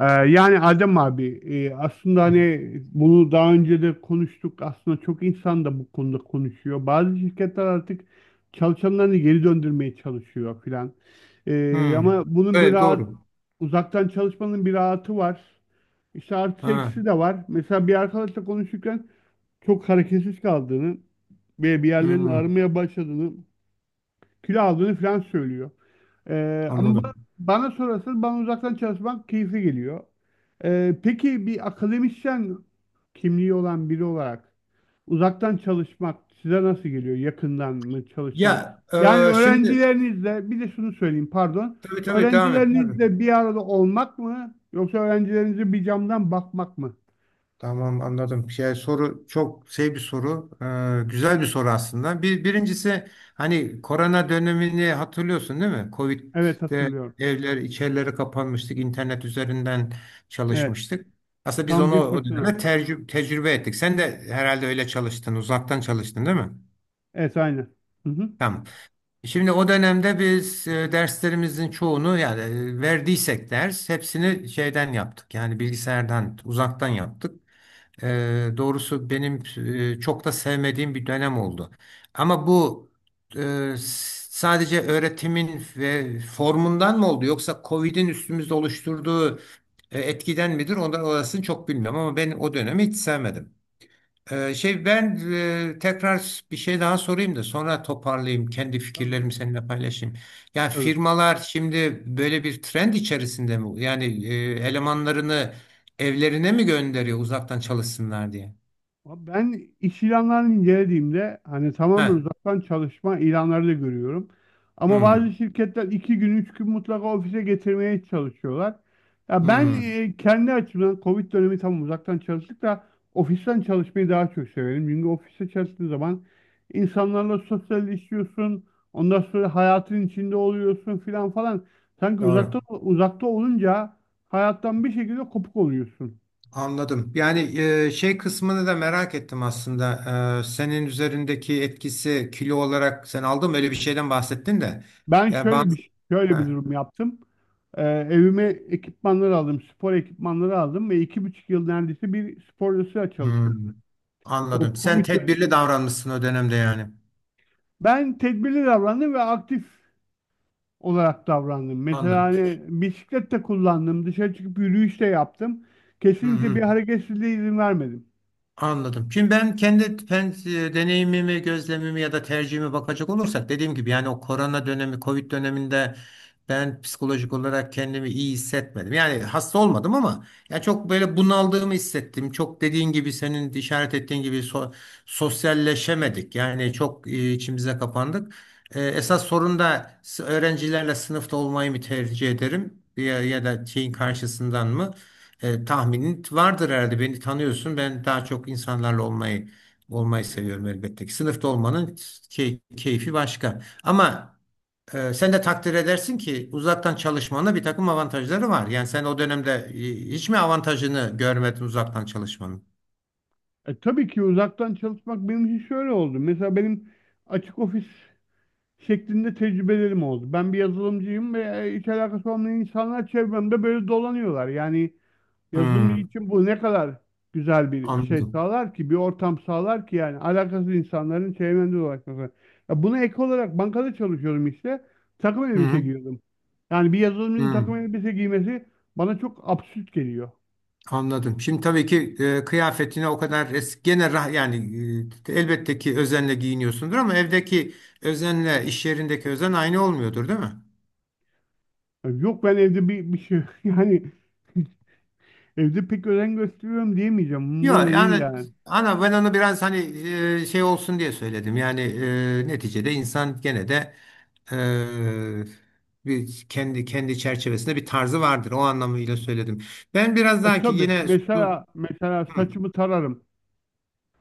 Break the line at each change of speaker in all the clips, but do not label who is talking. Yani Adem abi, aslında hani bunu daha önce de konuştuk. Aslında çok insan da bu konuda konuşuyor. Bazı şirketler artık çalışanlarını geri döndürmeye çalışıyor filan.
Hmm.
Ama bunun bir
Evet,
rahat
doğru.
uzaktan çalışmanın bir rahatı var. İşte artı
Ha.
eksisi de var. Mesela bir arkadaşla konuşurken çok hareketsiz kaldığını ve bir yerlerini
Hmm.
aramaya başladığını, kilo aldığını falan söylüyor. Ama ba-
Anladım.
Bana sorarsan bana uzaktan çalışmak keyifli geliyor. Peki bir akademisyen kimliği olan biri olarak uzaktan çalışmak size nasıl geliyor? Yakından mı çalışmak?
Ya,
Yani
şimdi
öğrencilerinizle, bir de şunu söyleyeyim, pardon.
tabii tabii devam et. Pardon.
Öğrencilerinizle bir arada olmak mı, yoksa öğrencilerinize bir camdan bakmak mı?
Tamam, anladım. Şey, soru çok şey bir soru. Güzel bir soru aslında. Birincisi hani korona dönemini hatırlıyorsun, değil mi?
Evet,
Covid'de
hatırlıyorum.
evler içerileri kapanmıştık. İnternet üzerinden
Evet.
çalışmıştık. Aslında biz
Tam
onu
bir
o
fırtına.
dönemde tecrübe ettik. Sen de herhalde öyle çalıştın. Uzaktan çalıştın, değil mi?
Evet, aynen. Hı hı.
Tamam. Şimdi o dönemde biz derslerimizin çoğunu yani verdiysek ders hepsini şeyden yaptık. Yani bilgisayardan uzaktan yaptık. E, Doğrusu benim çok da sevmediğim bir dönem oldu. Ama bu e, sadece öğretimin ve formundan mı oldu, yoksa Covid'in üstümüzde oluşturduğu etkiden midir? Onu, orasını çok bilmiyorum ama ben o dönemi hiç sevmedim. Şey, ben tekrar bir şey daha sorayım da sonra toparlayayım kendi
Tabii.
fikirlerimi seninle paylaşayım. Yani
Tabii.
firmalar şimdi böyle bir trend içerisinde mi? Yani elemanlarını evlerine mi gönderiyor uzaktan çalışsınlar diye?
Abi, ben iş ilanlarını incelediğimde hani tamamen
Ha.
uzaktan çalışma ilanları da görüyorum. Ama bazı
Hmm.
şirketler iki gün, üç gün mutlaka ofise getirmeye çalışıyorlar. Ya ben,
Hmm.
kendi açımdan Covid dönemi tam uzaktan çalıştık da ofisten çalışmayı daha çok severim. Çünkü ofiste çalıştığın zaman insanlarla sosyalleşiyorsun. Ondan sonra hayatın içinde oluyorsun filan falan. Sanki
Doğru.
uzakta uzakta olunca hayattan bir şekilde kopuk oluyorsun.
Anladım. Yani şey kısmını da merak ettim aslında. Senin üzerindeki etkisi kilo olarak sen aldın mı? Öyle bir şeyden bahsettin de.
Ben
Ya
şöyle
bazı.
bir şöyle bir
Ha.
durum yaptım. Evime ekipmanları aldım, spor ekipmanları aldım ve iki buçuk yıl neredeyse bir spor çalıştım.
Hmm.
O
Anladım. Sen
Covid dönemi.
tedbirli davranmışsın o dönemde yani.
Ben tedbirli davrandım ve aktif olarak davrandım. Mesela
Anladım.
hani bisiklet de kullandım, dışarı çıkıp yürüyüş de yaptım.
Hı
Kesinlikle
hı.
bir hareketsizliğe izin vermedim.
Anladım. Şimdi ben kendi deneyimimi, gözlemimi ya da tercihimi bakacak olursak dediğim gibi yani o korona dönemi, Covid döneminde ben psikolojik olarak kendimi iyi hissetmedim. Yani hasta olmadım ama ya çok böyle bunaldığımı hissettim. Çok dediğin gibi, senin işaret ettiğin gibi sosyalleşemedik. Yani çok içimize kapandık. Esas sorun da öğrencilerle sınıfta olmayı mı tercih ederim ya, ya da şeyin karşısından mı? Tahminin vardır herhalde. Beni tanıyorsun. Ben daha çok insanlarla olmayı seviyorum elbette ki. Sınıfta olmanın keyfi başka. Ama sen de takdir edersin ki uzaktan çalışmanın bir takım avantajları var. Yani sen o dönemde hiç mi avantajını görmedin uzaktan çalışmanın?
Tabii ki uzaktan çalışmak benim için şöyle oldu. Mesela benim açık ofis şeklinde tecrübelerim oldu. Ben bir yazılımcıyım ve hiç alakası olmayan insanlar çevremde böyle dolanıyorlar. Yani yazılımcı
Hmm,
için bu ne kadar güzel bir şey
anladım.
sağlar ki, bir ortam sağlar ki, yani alakasız insanların çevremde dolaşması. Ya buna ek olarak bankada çalışıyorum işte. Takım
Hı
elbise
hı.
giyiyordum. Yani bir yazılımcının
Hı.
takım elbise giymesi bana çok absürt geliyor.
Anladım. Şimdi tabii ki kıyafetine o kadar es gene rah yani elbette ki özenle giyiniyorsundur ama evdeki özenle iş yerindeki özen aynı olmuyordur, değil mi?
Yani yok, ben evde bir şey yani evde pek özen gösteriyorum diyemeyeceğim. Umurumda
Yok
da değil
yani
yani.
ana ben onu biraz hani şey olsun diye söyledim. Yani neticede insan gene de bir kendi çerçevesinde bir tarzı vardır. O anlamıyla söyledim. Ben biraz daha ki
Tabii
yine.
mesela mesela
Hı.
saçımı tararım.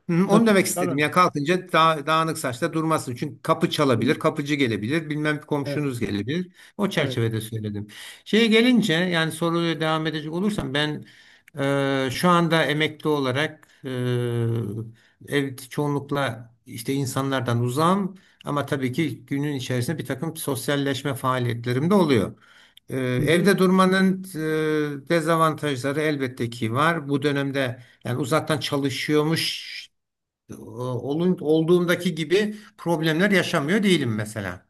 Hı, onu
Saçımı
demek istedim.
tararım.
Ya kalkınca daha, dağınık saçta durmasın. Çünkü kapı
E,
çalabilir, kapıcı gelebilir, bilmem komşunuz gelebilir. O
evet.
çerçevede söyledim. Şeye gelince yani soruya devam edecek olursam ben şu anda emekli olarak ev çoğunlukla işte insanlardan uzağım ama tabii ki günün içerisinde bir takım sosyalleşme faaliyetlerim de oluyor.
Hı hı.
Evde durmanın dezavantajları elbette ki var. Bu dönemde yani uzaktan çalışıyormuş olduğumdaki gibi problemler yaşamıyor değilim mesela.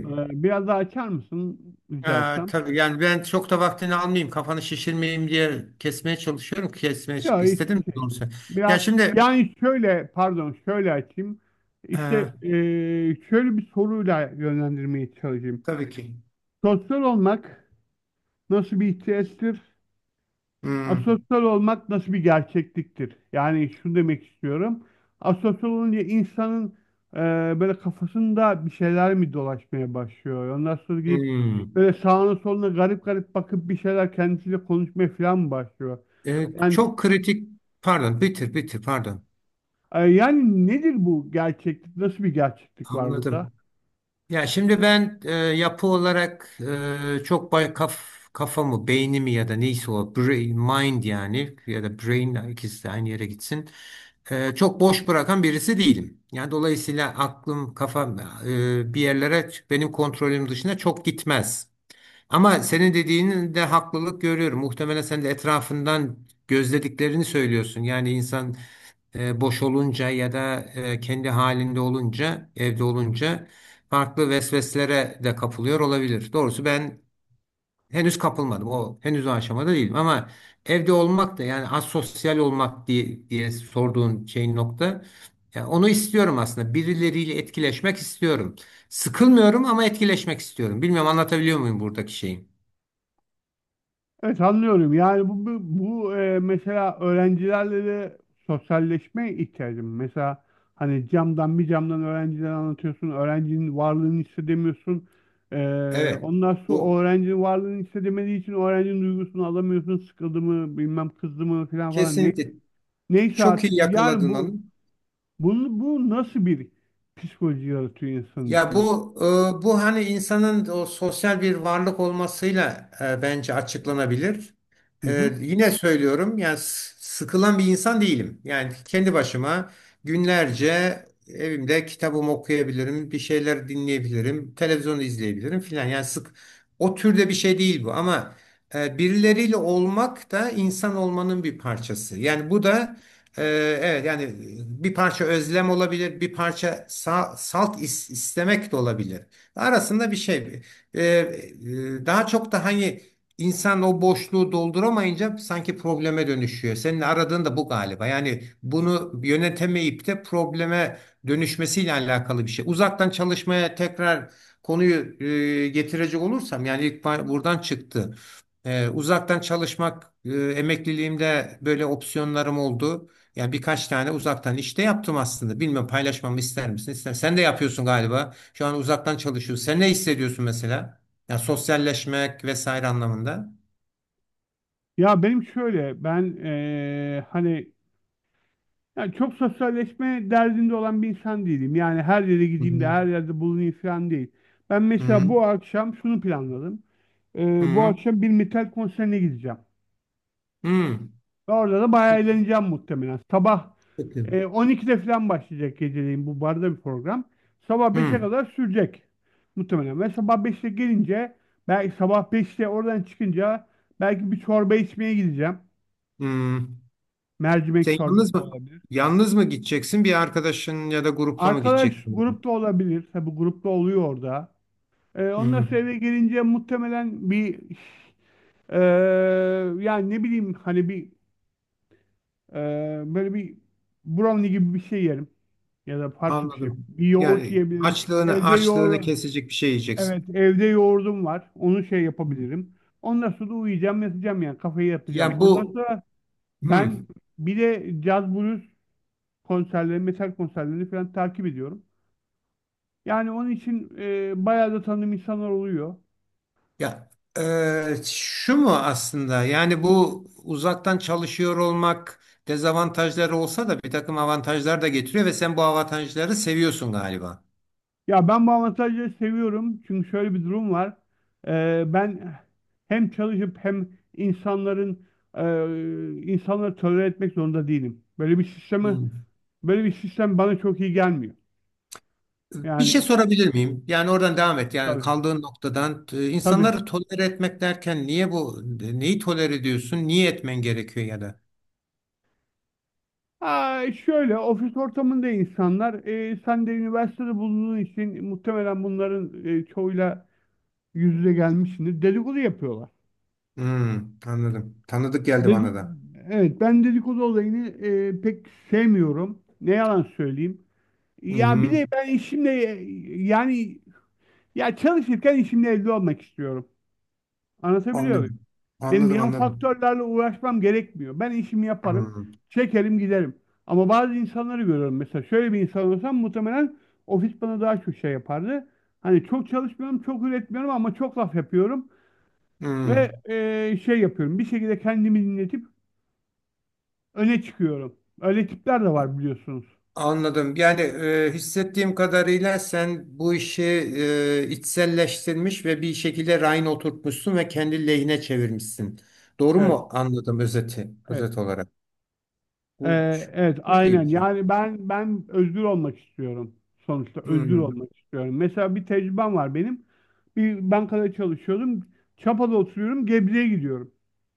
Biraz daha açar mısın rica
e,
etsem?
tabii yani ben çok da vaktini almayayım, kafanı şişirmeyeyim diye kesmeye çalışıyorum. Kesmeye
Ya hiç
istedim
şey.
doğrusu. Ya
Biraz
şimdi,
yani şöyle, pardon, şöyle açayım.
e,
İşte, e, şöyle bir soruyla yönlendirmeye çalışayım.
tabii ki.
Sosyal olmak nasıl bir ihtiyaçtır?
Hmm,
Asosyal olmak nasıl bir gerçekliktir? Yani şunu demek istiyorum. Asosyal olunca insanın e, böyle kafasında bir şeyler mi dolaşmaya başlıyor? Ondan sonra gidip
hmm.
böyle sağına soluna garip garip bakıp bir şeyler kendisiyle konuşmaya falan mı başlıyor? Yani,
Çok kritik, pardon, bitir bitir, pardon.
Yani nedir bu gerçeklik? Nasıl bir gerçeklik var burada?
Anladım. Ya şimdi ben yapı olarak çok kafamı, beynimi ya da neyse o brain, mind yani ya da brain ikisi de aynı yere gitsin. Çok boş bırakan birisi değilim. Yani dolayısıyla aklım, kafam bir yerlere benim kontrolüm dışında çok gitmez. Ama senin dediğinin de haklılık görüyorum. Muhtemelen sen de etrafından gözlediklerini söylüyorsun. Yani insan boş olunca ya da kendi halinde olunca, evde olunca farklı vesveselere de kapılıyor olabilir. Doğrusu ben henüz kapılmadım. O henüz o aşamada değilim ama evde olmak da yani asosyal olmak diye sorduğun şeyin nokta. Yani onu istiyorum aslında. Birileriyle etkileşmek istiyorum. Sıkılmıyorum ama etkileşmek istiyorum. Bilmiyorum anlatabiliyor muyum buradaki şeyi?
Evet, anlıyorum. Yani bu, mesela öğrencilerle de sosyalleşmeye ihtiyacım. Mesela hani camdan, bir camdan öğrenciler anlatıyorsun. Öğrencinin varlığını hissedemiyorsun. E,
Evet,
Ondan sonra o
bu
öğrencinin varlığını hissedemediği için öğrencinin duygusunu alamıyorsun. Sıkıldı mı, bilmem kızdı mı falan falan.
kesinlikle
Neyse
çok
artık,
iyi
yani
yakaladın onu.
bu bunu bu nasıl bir psikoloji yaratıyor insanın
Ya
içinde?
bu hani insanın o sosyal bir varlık olmasıyla bence açıklanabilir.
Hı hı.
Yine söylüyorum yani sıkılan bir insan değilim. Yani kendi başıma günlerce evimde kitabımı okuyabilirim, bir şeyler dinleyebilirim, televizyon izleyebilirim filan. Yani sık o türde bir şey değil bu ama birileriyle olmak da insan olmanın bir parçası. Yani bu da. Ee, evet yani bir parça özlem olabilir, bir parça salt istemek de olabilir. Arasında bir şey. Daha çok da hani insan o boşluğu dolduramayınca sanki probleme dönüşüyor. Senin aradığın da bu galiba. Yani bunu yönetemeyip de probleme dönüşmesiyle alakalı bir şey. Uzaktan çalışmaya tekrar konuyu getirecek olursam yani ilk buradan çıktı. Uzaktan çalışmak emekliliğimde böyle opsiyonlarım oldu. Yani birkaç tane uzaktan işte yaptım aslında. Bilmem paylaşmamı ister misin? İster. Sen de yapıyorsun galiba. Şu an uzaktan çalışıyorsun. Sen ne hissediyorsun mesela? Ya, sosyalleşmek vesaire anlamında.
Ya benim şöyle, ben, hani yani çok sosyalleşme derdinde olan bir insan değilim. Yani her yere
Hı
gideyim de
hı.
her yerde bulunayım falan değil. Ben mesela
Hı
bu akşam şunu planladım. Bu
hı.
akşam bir metal konserine gideceğim.
Hı.
Ve orada da bayağı eğleneceğim muhtemelen. Sabah,
Peki.
12'de falan başlayacak geceleyin bu barda bir program. Sabah beşe
Hı.
kadar sürecek muhtemelen. Ve sabah 5'te gelince, belki sabah beşte oradan çıkınca, belki bir çorba içmeye gideceğim.
Hı.
Mercimek
Sen
çorbası
yalnız mı
olabilir.
yalnız mı gideceksin? Bir arkadaşın ya da grupla mı
Arkadaş
gideceksin?
grupta olabilir. Tabii grupta oluyor orada. Ondan
Hı.
sonra eve gelince muhtemelen bir eee, yani ne bileyim, hani bir böyle bir brownie gibi bir şey yerim ya da farklı bir şey.
Anladım.
Bir yoğurt
Yani
yiyebilirim.
açlığını
Evde
açlığını
yoğur
kesecek bir şey yiyeceksin.
Evet, evde yoğurdum var. Onu şey
Hı.
yapabilirim. Ondan sonra da uyuyacağım, yatacağım, yani kafayı yapacağım.
Ya
Ondan
bu,
sonra
hı.
ben bir de caz blues konserleri, metal konserlerini falan takip ediyorum. Yani onun için bayağı da tanıdığım insanlar oluyor.
Ya şu mu aslında yani bu uzaktan çalışıyor olmak dezavantajları olsa da bir takım avantajlar da getiriyor ve sen bu avantajları seviyorsun galiba.
Ya ben bu avantajı seviyorum çünkü şöyle bir durum var. Ben hem çalışıp hem insanların insanları tolere etmek zorunda değilim. Böyle bir sistemi
Hmm.
böyle bir sistem bana çok iyi gelmiyor.
Bir şey
Yani
sorabilir miyim? Yani oradan devam et. Yani
tabii,
kaldığın noktadan
tabii.
insanları tolere etmek derken niye bu neyi tolere ediyorsun? Niye etmen gerekiyor, ya da?
Aa, şöyle ofis ortamında insanlar, sen de üniversitede bulunduğun için muhtemelen bunların çoğuyla yüz yüze gelmişsindir. Dedikodu yapıyorlar.
Hmm, anladım. Tanıdık geldi bana
Dedik,
da.
evet, ben dedikodu olayını pek sevmiyorum. Ne yalan söyleyeyim. Ya bir
Hmm,
de ben işimle, yani ya çalışırken işimle evde olmak istiyorum. Anlatabiliyor muyum?
anlıyorum.
Benim
Anladım,
yan
anladım.
faktörlerle uğraşmam gerekmiyor. Ben işimi yaparım,
Hmm,
çekerim giderim. Ama bazı insanları görüyorum mesela. Şöyle bir insan olsam muhtemelen ofis bana daha çok şey yapardı. Hani çok çalışmıyorum, çok üretmiyorum ama çok laf yapıyorum. Ve
hmm.
şey yapıyorum. Bir şekilde kendimi dinletip öne çıkıyorum. Öyle tipler de var, biliyorsunuz.
Anladım. Yani hissettiğim kadarıyla sen bu işi içselleştirmiş ve bir şekilde rayına oturtmuşsun ve kendi lehine çevirmişsin. Doğru
Evet,
mu anladım
evet.
özet olarak? Bu
Evet,
çok
aynen,
iyi bir şey.
yani ben özgür olmak istiyorum, sonuçta özgür
Hmm.
olmak istiyorum. Mesela bir tecrübem var benim, bir bankada çalışıyordum, Çapa'da oturuyorum, Gebze'ye gidiyorum,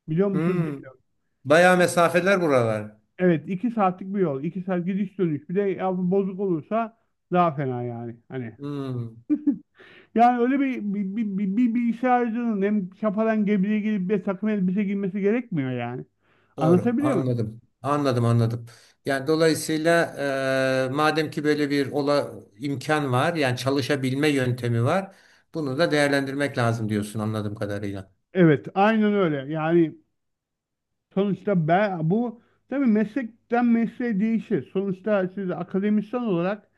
biliyor musunuz
Hmm.
bilmiyorum.
Bayağı mesafeler buralar.
Evet, iki saatlik bir yol, iki saat gidiş dönüş, bir de ya bozuk olursa daha fena yani, hani.
Hmm.
Yani öyle bir, bir bilgisayarcının hem Çapa'dan Gebze'ye gelip bir takım elbise giymesi gerekmiyor yani,
Doğru.
anlatabiliyor muyum?
Anladım. Anladım, anladım. Yani dolayısıyla madem ki böyle bir imkan var, yani çalışabilme yöntemi var, bunu da değerlendirmek lazım diyorsun anladığım kadarıyla.
Evet, aynen öyle yani. Sonuçta ben bu, tabii meslekten mesleğe değişir. Sonuçta siz akademisyen olarak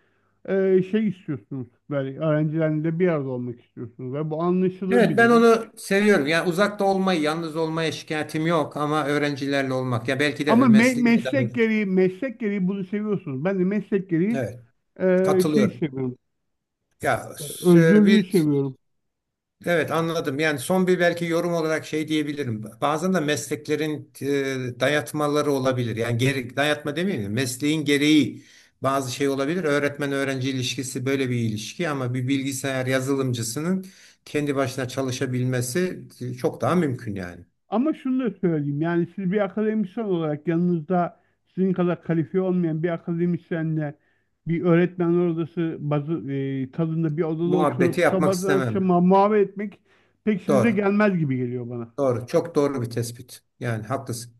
şey istiyorsunuz. Böyle öğrencilerle bir arada olmak istiyorsunuz ve bu anlaşılır
Evet,
bir
ben
durum.
onu seviyorum. Yani uzakta olmayı, yalnız olmaya şikayetim yok ama öğrencilerle olmak. Ya belki
Ama
de mesleğime dair.
meslek gereği, meslek gereği bunu seviyorsunuz. Ben de meslek gereği
Evet,
şey
katılıyorum.
seviyorum.
Ya s-
Özgürlüğü
bir
seviyorum.
evet, anladım. Yani son bir belki yorum olarak şey diyebilirim. Bazen de mesleklerin dayatmaları olabilir. Yani dayatma demeyeyim de mesleğin gereği bazı şey olabilir. Öğretmen öğrenci ilişkisi böyle bir ilişki ama bir bilgisayar yazılımcısının kendi başına çalışabilmesi çok daha mümkün yani.
Ama şunu da söyleyeyim, yani siz bir akademisyen olarak yanınızda sizin kadar kalifiye olmayan bir akademisyenle bir öğretmenler odası tadında bir odada
Muhabbeti
oturup
yapmak
sabahtan
istemem.
akşama muhabbet etmek pek işinize
Doğru.
gelmez gibi geliyor bana.
Doğru. Çok doğru bir tespit. Yani haklısın.